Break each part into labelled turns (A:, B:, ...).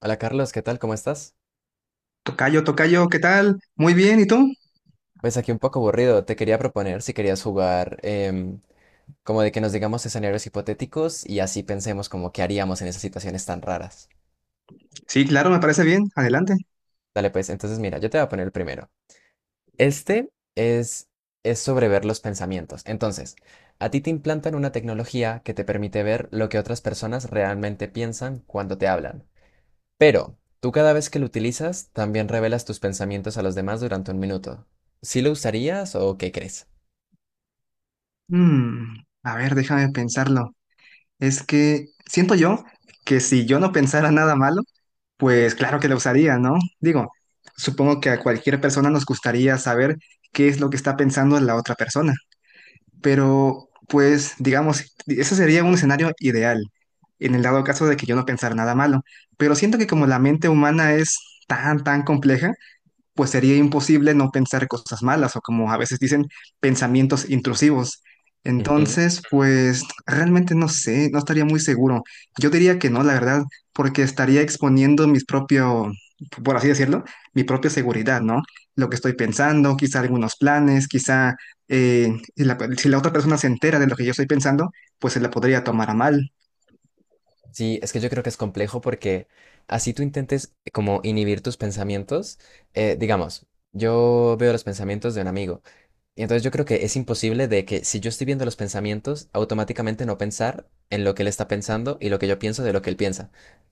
A: Hola Carlos, ¿qué tal? ¿Cómo estás?
B: Tocayo, tocayo, ¿qué tal? Muy bien, ¿y tú?
A: Pues aquí un poco aburrido. Te quería proponer si querías jugar como de que nos digamos escenarios hipotéticos y así pensemos como qué haríamos en esas situaciones tan raras.
B: Sí, claro, me parece bien. Adelante.
A: Dale pues, entonces mira, yo te voy a poner el primero. Este es, es sobre ver los pensamientos. Entonces, a ti te implantan una tecnología que te permite ver lo que otras personas realmente piensan cuando te hablan. Pero tú cada vez que lo utilizas, también revelas tus pensamientos a los demás durante un minuto. ¿Sí lo usarías o qué crees?
B: Mm, a ver, déjame pensarlo. Es que siento yo que si yo no pensara nada malo, pues claro que lo usaría, ¿no? Digo, supongo que a cualquier persona nos gustaría saber qué es lo que está pensando la otra persona. Pero, pues, digamos, ese sería un escenario ideal, en el dado caso de que yo no pensara nada malo. Pero siento que como la mente humana es tan compleja, pues sería imposible no pensar cosas malas o como a veces dicen, pensamientos intrusivos.
A: Ujú.
B: Entonces, pues realmente no sé, no estaría muy seguro. Yo diría que no, la verdad, porque estaría exponiendo mis propio, por así decirlo, mi propia seguridad, ¿no? Lo que estoy pensando, quizá algunos planes, quizá la- si la otra persona se entera de lo que yo estoy pensando, pues se la podría tomar a mal.
A: Sí, es que yo creo que es complejo porque así tú intentes como inhibir tus pensamientos, digamos, yo veo los pensamientos de un amigo y entonces yo creo que es imposible de que si yo estoy viendo los pensamientos, automáticamente no pensar en lo que él está pensando y lo que yo pienso de lo que él piensa.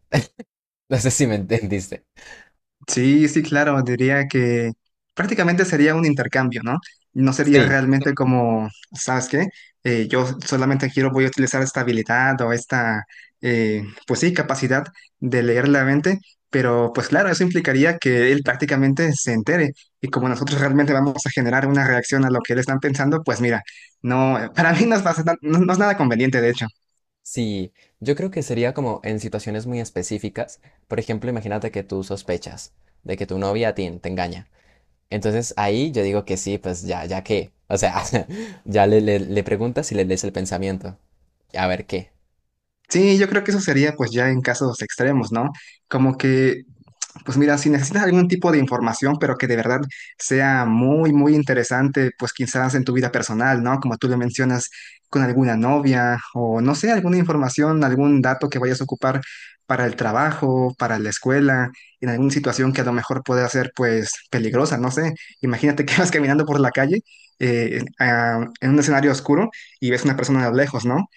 A: No sé si me entendiste.
B: Sí, sí, claro, diría que prácticamente sería un intercambio, ¿no? No sería
A: Sí,
B: realmente como, ¿sabes qué? Yo solamente quiero, voy a utilizar esta habilidad o esta, pues sí, capacidad de leer la mente, pero pues claro, eso implicaría que él prácticamente se entere y como nosotros realmente vamos a generar una reacción a lo que él está pensando, pues mira, no, para mí no es, bastante- no es nada conveniente, de hecho.
A: sí, yo creo que sería como en situaciones muy específicas, por ejemplo, imagínate que tú sospechas de que tu novia a ti te engaña. Entonces ahí yo digo que sí, pues ya, ya qué. O sea, ya le preguntas y le lees el pensamiento. A ver qué.
B: Sí, yo creo que eso sería pues ya en casos extremos, ¿no? Como que pues mira, si necesitas algún tipo de información, pero que de verdad sea muy interesante, pues quizás en tu vida personal, ¿no? Como tú lo mencionas, con alguna novia o no sé, alguna información, algún dato que vayas a ocupar para el trabajo, para la escuela, en alguna situación que a lo mejor pueda ser pues peligrosa, no sé. Imagínate que vas caminando por la calle en un escenario oscuro y ves una persona a lo lejos, ¿no?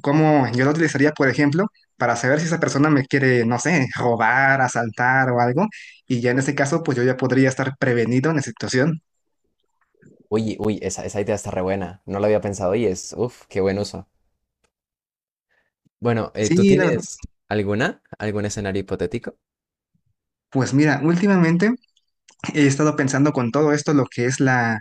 B: ¿Cómo yo lo utilizaría, por ejemplo? Para saber si esa persona me quiere, no sé, robar, asaltar o algo. Y ya en ese caso, pues yo ya podría estar prevenido en esa situación.
A: Uy, uy, esa idea está re buena. No lo había pensado y es, uff, qué buen uso. Bueno, ¿tú
B: Sí, la verdad.
A: tienes alguna? ¿Algún escenario hipotético?
B: Pues mira, últimamente he estado pensando con todo esto, lo que es la,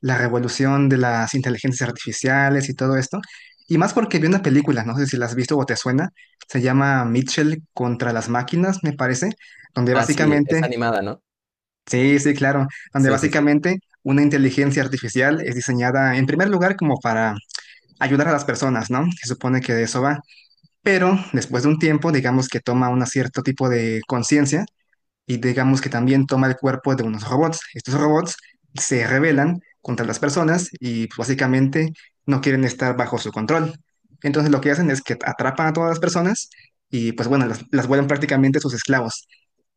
B: la revolución de las inteligencias artificiales y todo esto. Y más porque vi una película, no sé si la has visto o te suena, se llama Mitchell contra las máquinas, me parece, donde
A: Ah, sí,
B: básicamente,
A: es animada, ¿no?
B: sí, sí, claro, donde
A: Sí, sí, sí.
B: básicamente una inteligencia artificial es diseñada en primer lugar como para ayudar a las personas, ¿no? Se supone que de eso va. Pero después de un tiempo, digamos que toma un cierto tipo de conciencia y digamos que también toma el cuerpo de unos robots. Estos robots se rebelan contra las personas y pues, básicamente no quieren estar bajo su control. Entonces lo que hacen es que atrapan a todas las personas y pues bueno, las vuelven prácticamente sus esclavos.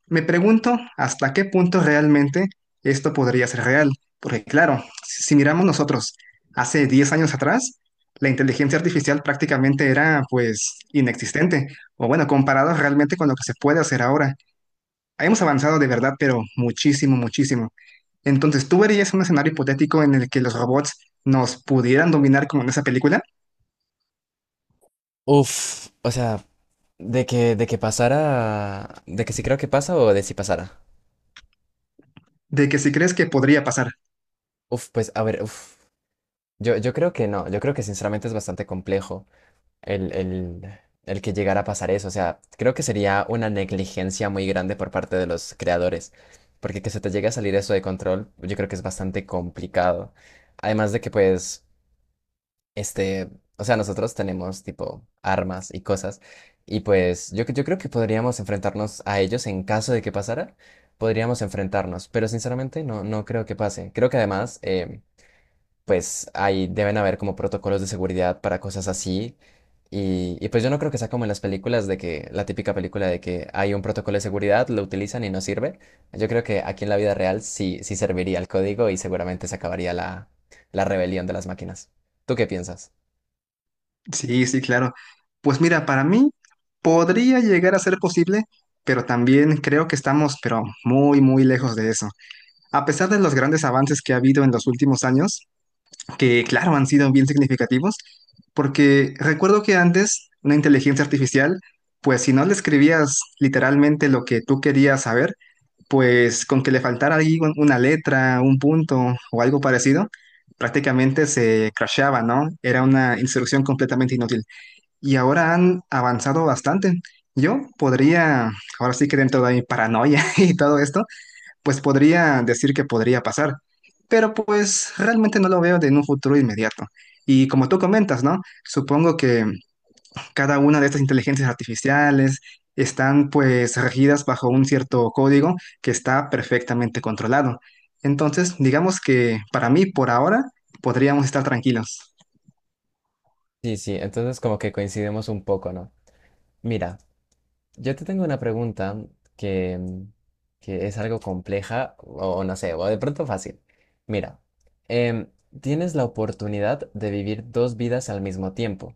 B: Me pregunto hasta qué punto realmente esto podría ser real, porque claro, si miramos nosotros hace 10 años atrás, la inteligencia artificial prácticamente era pues inexistente, o bueno, comparado realmente con lo que se puede hacer ahora. Hemos avanzado de verdad, pero muchísimo, muchísimo. Entonces, ¿tú verías un escenario hipotético en el que los robots nos pudieran dominar como en esa película?
A: Uf, o sea, de que pasara, de que sí creo que pasa o de si pasara.
B: ¿De que si crees que podría pasar?
A: Uf, pues a ver, uf. Yo creo que no, yo creo que sinceramente es bastante complejo. el, el, el que llegara a pasar eso. O sea, creo que sería una negligencia muy grande por parte de los creadores, porque que se te llegue a salir eso de control, yo creo que es bastante complicado. Además de que, pues, este, o sea, nosotros tenemos tipo armas y cosas, y pues yo creo que podríamos enfrentarnos a ellos en caso de que pasara. Podríamos enfrentarnos, pero sinceramente no, no creo que pase. Creo que además, pues ahí deben haber como protocolos de seguridad para cosas así. Y pues yo no creo que sea como en las películas de que la típica película de que hay un protocolo de seguridad, lo utilizan y no sirve. Yo creo que aquí en la vida real sí, sí serviría el código y seguramente se acabaría la rebelión de las máquinas. ¿Tú qué piensas?
B: Sí, sí, claro. Pues mira, para mí podría llegar a ser posible, pero también creo que estamos, pero muy lejos de eso. A pesar de los grandes avances que ha habido en los últimos años, que claro han sido bien significativos, porque recuerdo que antes una inteligencia artificial, pues si no le escribías literalmente lo que tú querías saber, pues con que le faltara ahí un- una letra, un punto o algo parecido, prácticamente se crashaba, ¿no? Era una instrucción completamente inútil y ahora han avanzado bastante. Yo podría, ahora sí que dentro de mi paranoia y todo esto, pues podría decir que podría pasar, pero pues realmente no lo veo de en un futuro inmediato. Y como tú comentas, ¿no? Supongo que cada una de estas inteligencias artificiales están pues regidas bajo un cierto código que está perfectamente controlado. Entonces, digamos que para mí, por ahora, podríamos estar tranquilos.
A: Sí, sí, entonces como que coincidimos un poco, ¿no? Mira. Yo te tengo una pregunta que, que es algo compleja o no sé, o de pronto fácil. Mira, em, tienes la oportunidad de vivir dos vidas al mismo tiempo,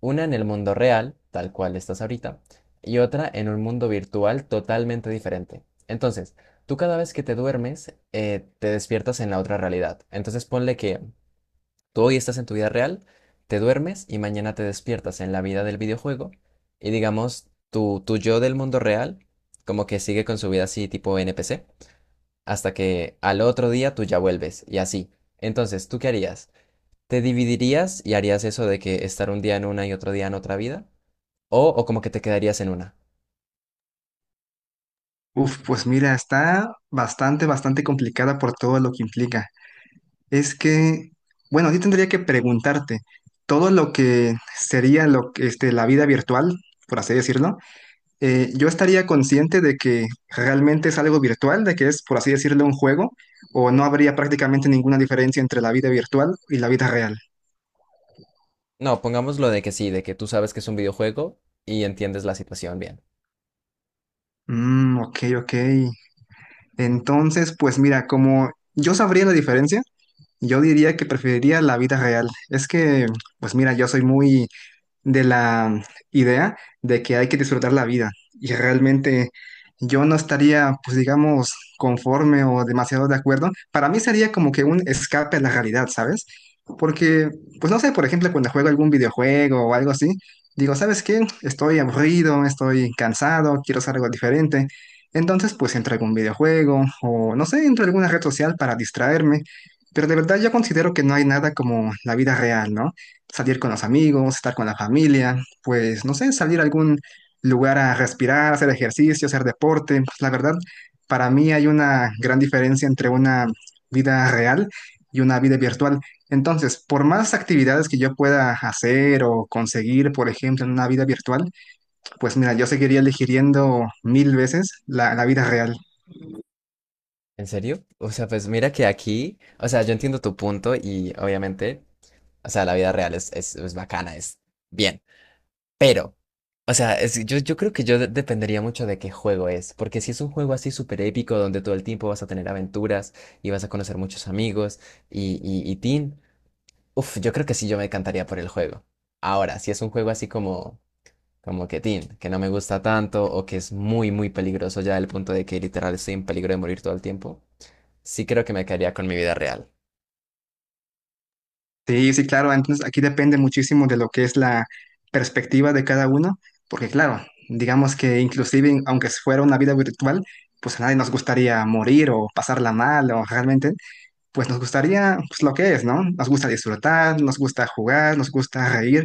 A: una en el mundo real, tal cual estás ahorita, y otra en un mundo virtual totalmente diferente. Entonces, tú cada vez que te duermes, te despiertas en la otra realidad. Entonces, ponle que... Tú hoy estás en tu vida real, te duermes y mañana te despiertas en la vida del videojuego y digamos, tu yo del mundo real como que sigue con su vida así tipo NPC hasta que al otro día tú ya vuelves y así. Entonces, ¿tú qué harías? ¿Te dividirías y harías eso de que estar un día en una y otro día en otra vida? O como que te quedarías en una?
B: Uf, pues mira, está bastante, bastante complicada por todo lo que implica. Es que, bueno, yo tendría que preguntarte, todo lo que sería lo que, este, la vida virtual, por así decirlo, yo estaría consciente de que realmente es algo virtual, de que es, por así decirlo, un juego, o no habría prácticamente ninguna diferencia entre la vida virtual y la vida real.
A: No, pongamos lo de que sí, de que tú sabes que es un videojuego y entiendes la situación bien.
B: Mm, ok, ok. Entonces, pues mira, como yo sabría la diferencia, yo diría que preferiría la vida real. Es que, pues mira, yo soy muy, de la idea de que hay que disfrutar la vida. Y realmente yo no estaría, pues digamos, conforme o demasiado de acuerdo. Para mí sería como que un escape a la realidad, ¿sabes? Porque, pues no sé, por ejemplo, cuando juego algún videojuego o algo así, digo, ¿sabes qué? Estoy aburrido, estoy cansado, quiero hacer algo diferente. Entonces, pues entro a algún videojuego o, no sé, entro a alguna red social para distraerme. Pero de verdad yo considero que no hay nada como la vida real, ¿no? Salir con los amigos, estar con la familia, pues no sé, salir a algún lugar a respirar, hacer ejercicio, hacer deporte. Pues la verdad, para mí hay una gran diferencia entre una vida real y una vida virtual. Entonces, por más actividades que yo pueda hacer o conseguir, por ejemplo, en una vida virtual, pues mira, yo seguiría eligiendo mil veces la vida real.
A: ¿En serio? O sea, pues mira que aquí, o sea, yo entiendo tu punto y obviamente, o sea, la vida real es bacana, es bien, pero, o sea, es- yo creo que yo de- dependería mucho de qué juego es, porque si es un juego así súper épico donde todo el tiempo vas a tener aventuras y vas a conocer muchos amigos y teen, uff, yo creo que sí, yo me encantaría por el juego. Ahora, si es un juego así como... como que tin, que no me gusta tanto o que es muy, muy peligroso ya del punto de que literal estoy en peligro de morir todo el tiempo, sí creo que me quedaría con mi vida real.
B: Sí, sí, claro. Entonces aquí depende muchísimo de lo que es la perspectiva de cada uno, porque claro, digamos que inclusive aunque fuera una vida virtual, pues a nadie nos gustaría morir o pasarla mal o realmente, pues nos gustaría pues lo que es, ¿no? Nos gusta disfrutar, nos gusta jugar, nos gusta reír,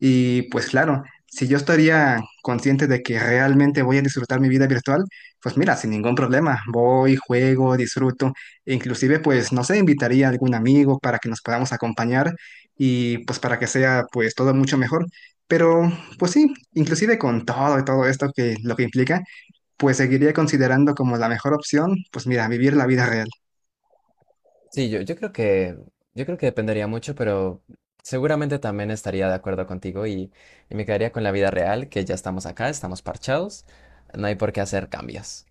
B: y pues claro, si yo estaría consciente de que realmente voy a disfrutar mi vida virtual, pues mira, sin ningún problema, voy, juego, disfruto, e inclusive pues no sé, invitaría a algún amigo para que nos podamos acompañar y pues para que sea pues todo mucho mejor. Pero pues sí, inclusive con todo y todo esto que lo que implica, pues seguiría considerando como la mejor opción, pues mira, vivir la vida real.
A: Sí, yo creo que dependería mucho, pero seguramente también estaría de acuerdo contigo y me quedaría con la vida real, que ya estamos acá, estamos parchados, no hay por qué hacer cambios.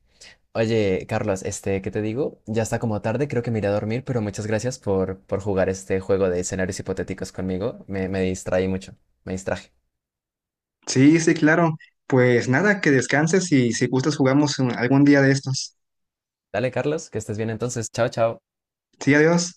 A: Oye, Carlos, este, ¿qué te digo? Ya está como tarde, creo que me iré a dormir, pero muchas gracias por jugar este juego de escenarios hipotéticos conmigo. Me distraí mucho, me distraje.
B: Sí, sí, claro. Pues nada, que descanses y si gustas jugamos un- algún día de estos.
A: Dale, Carlos, que estés bien entonces. Chao, chao.
B: Sí, adiós.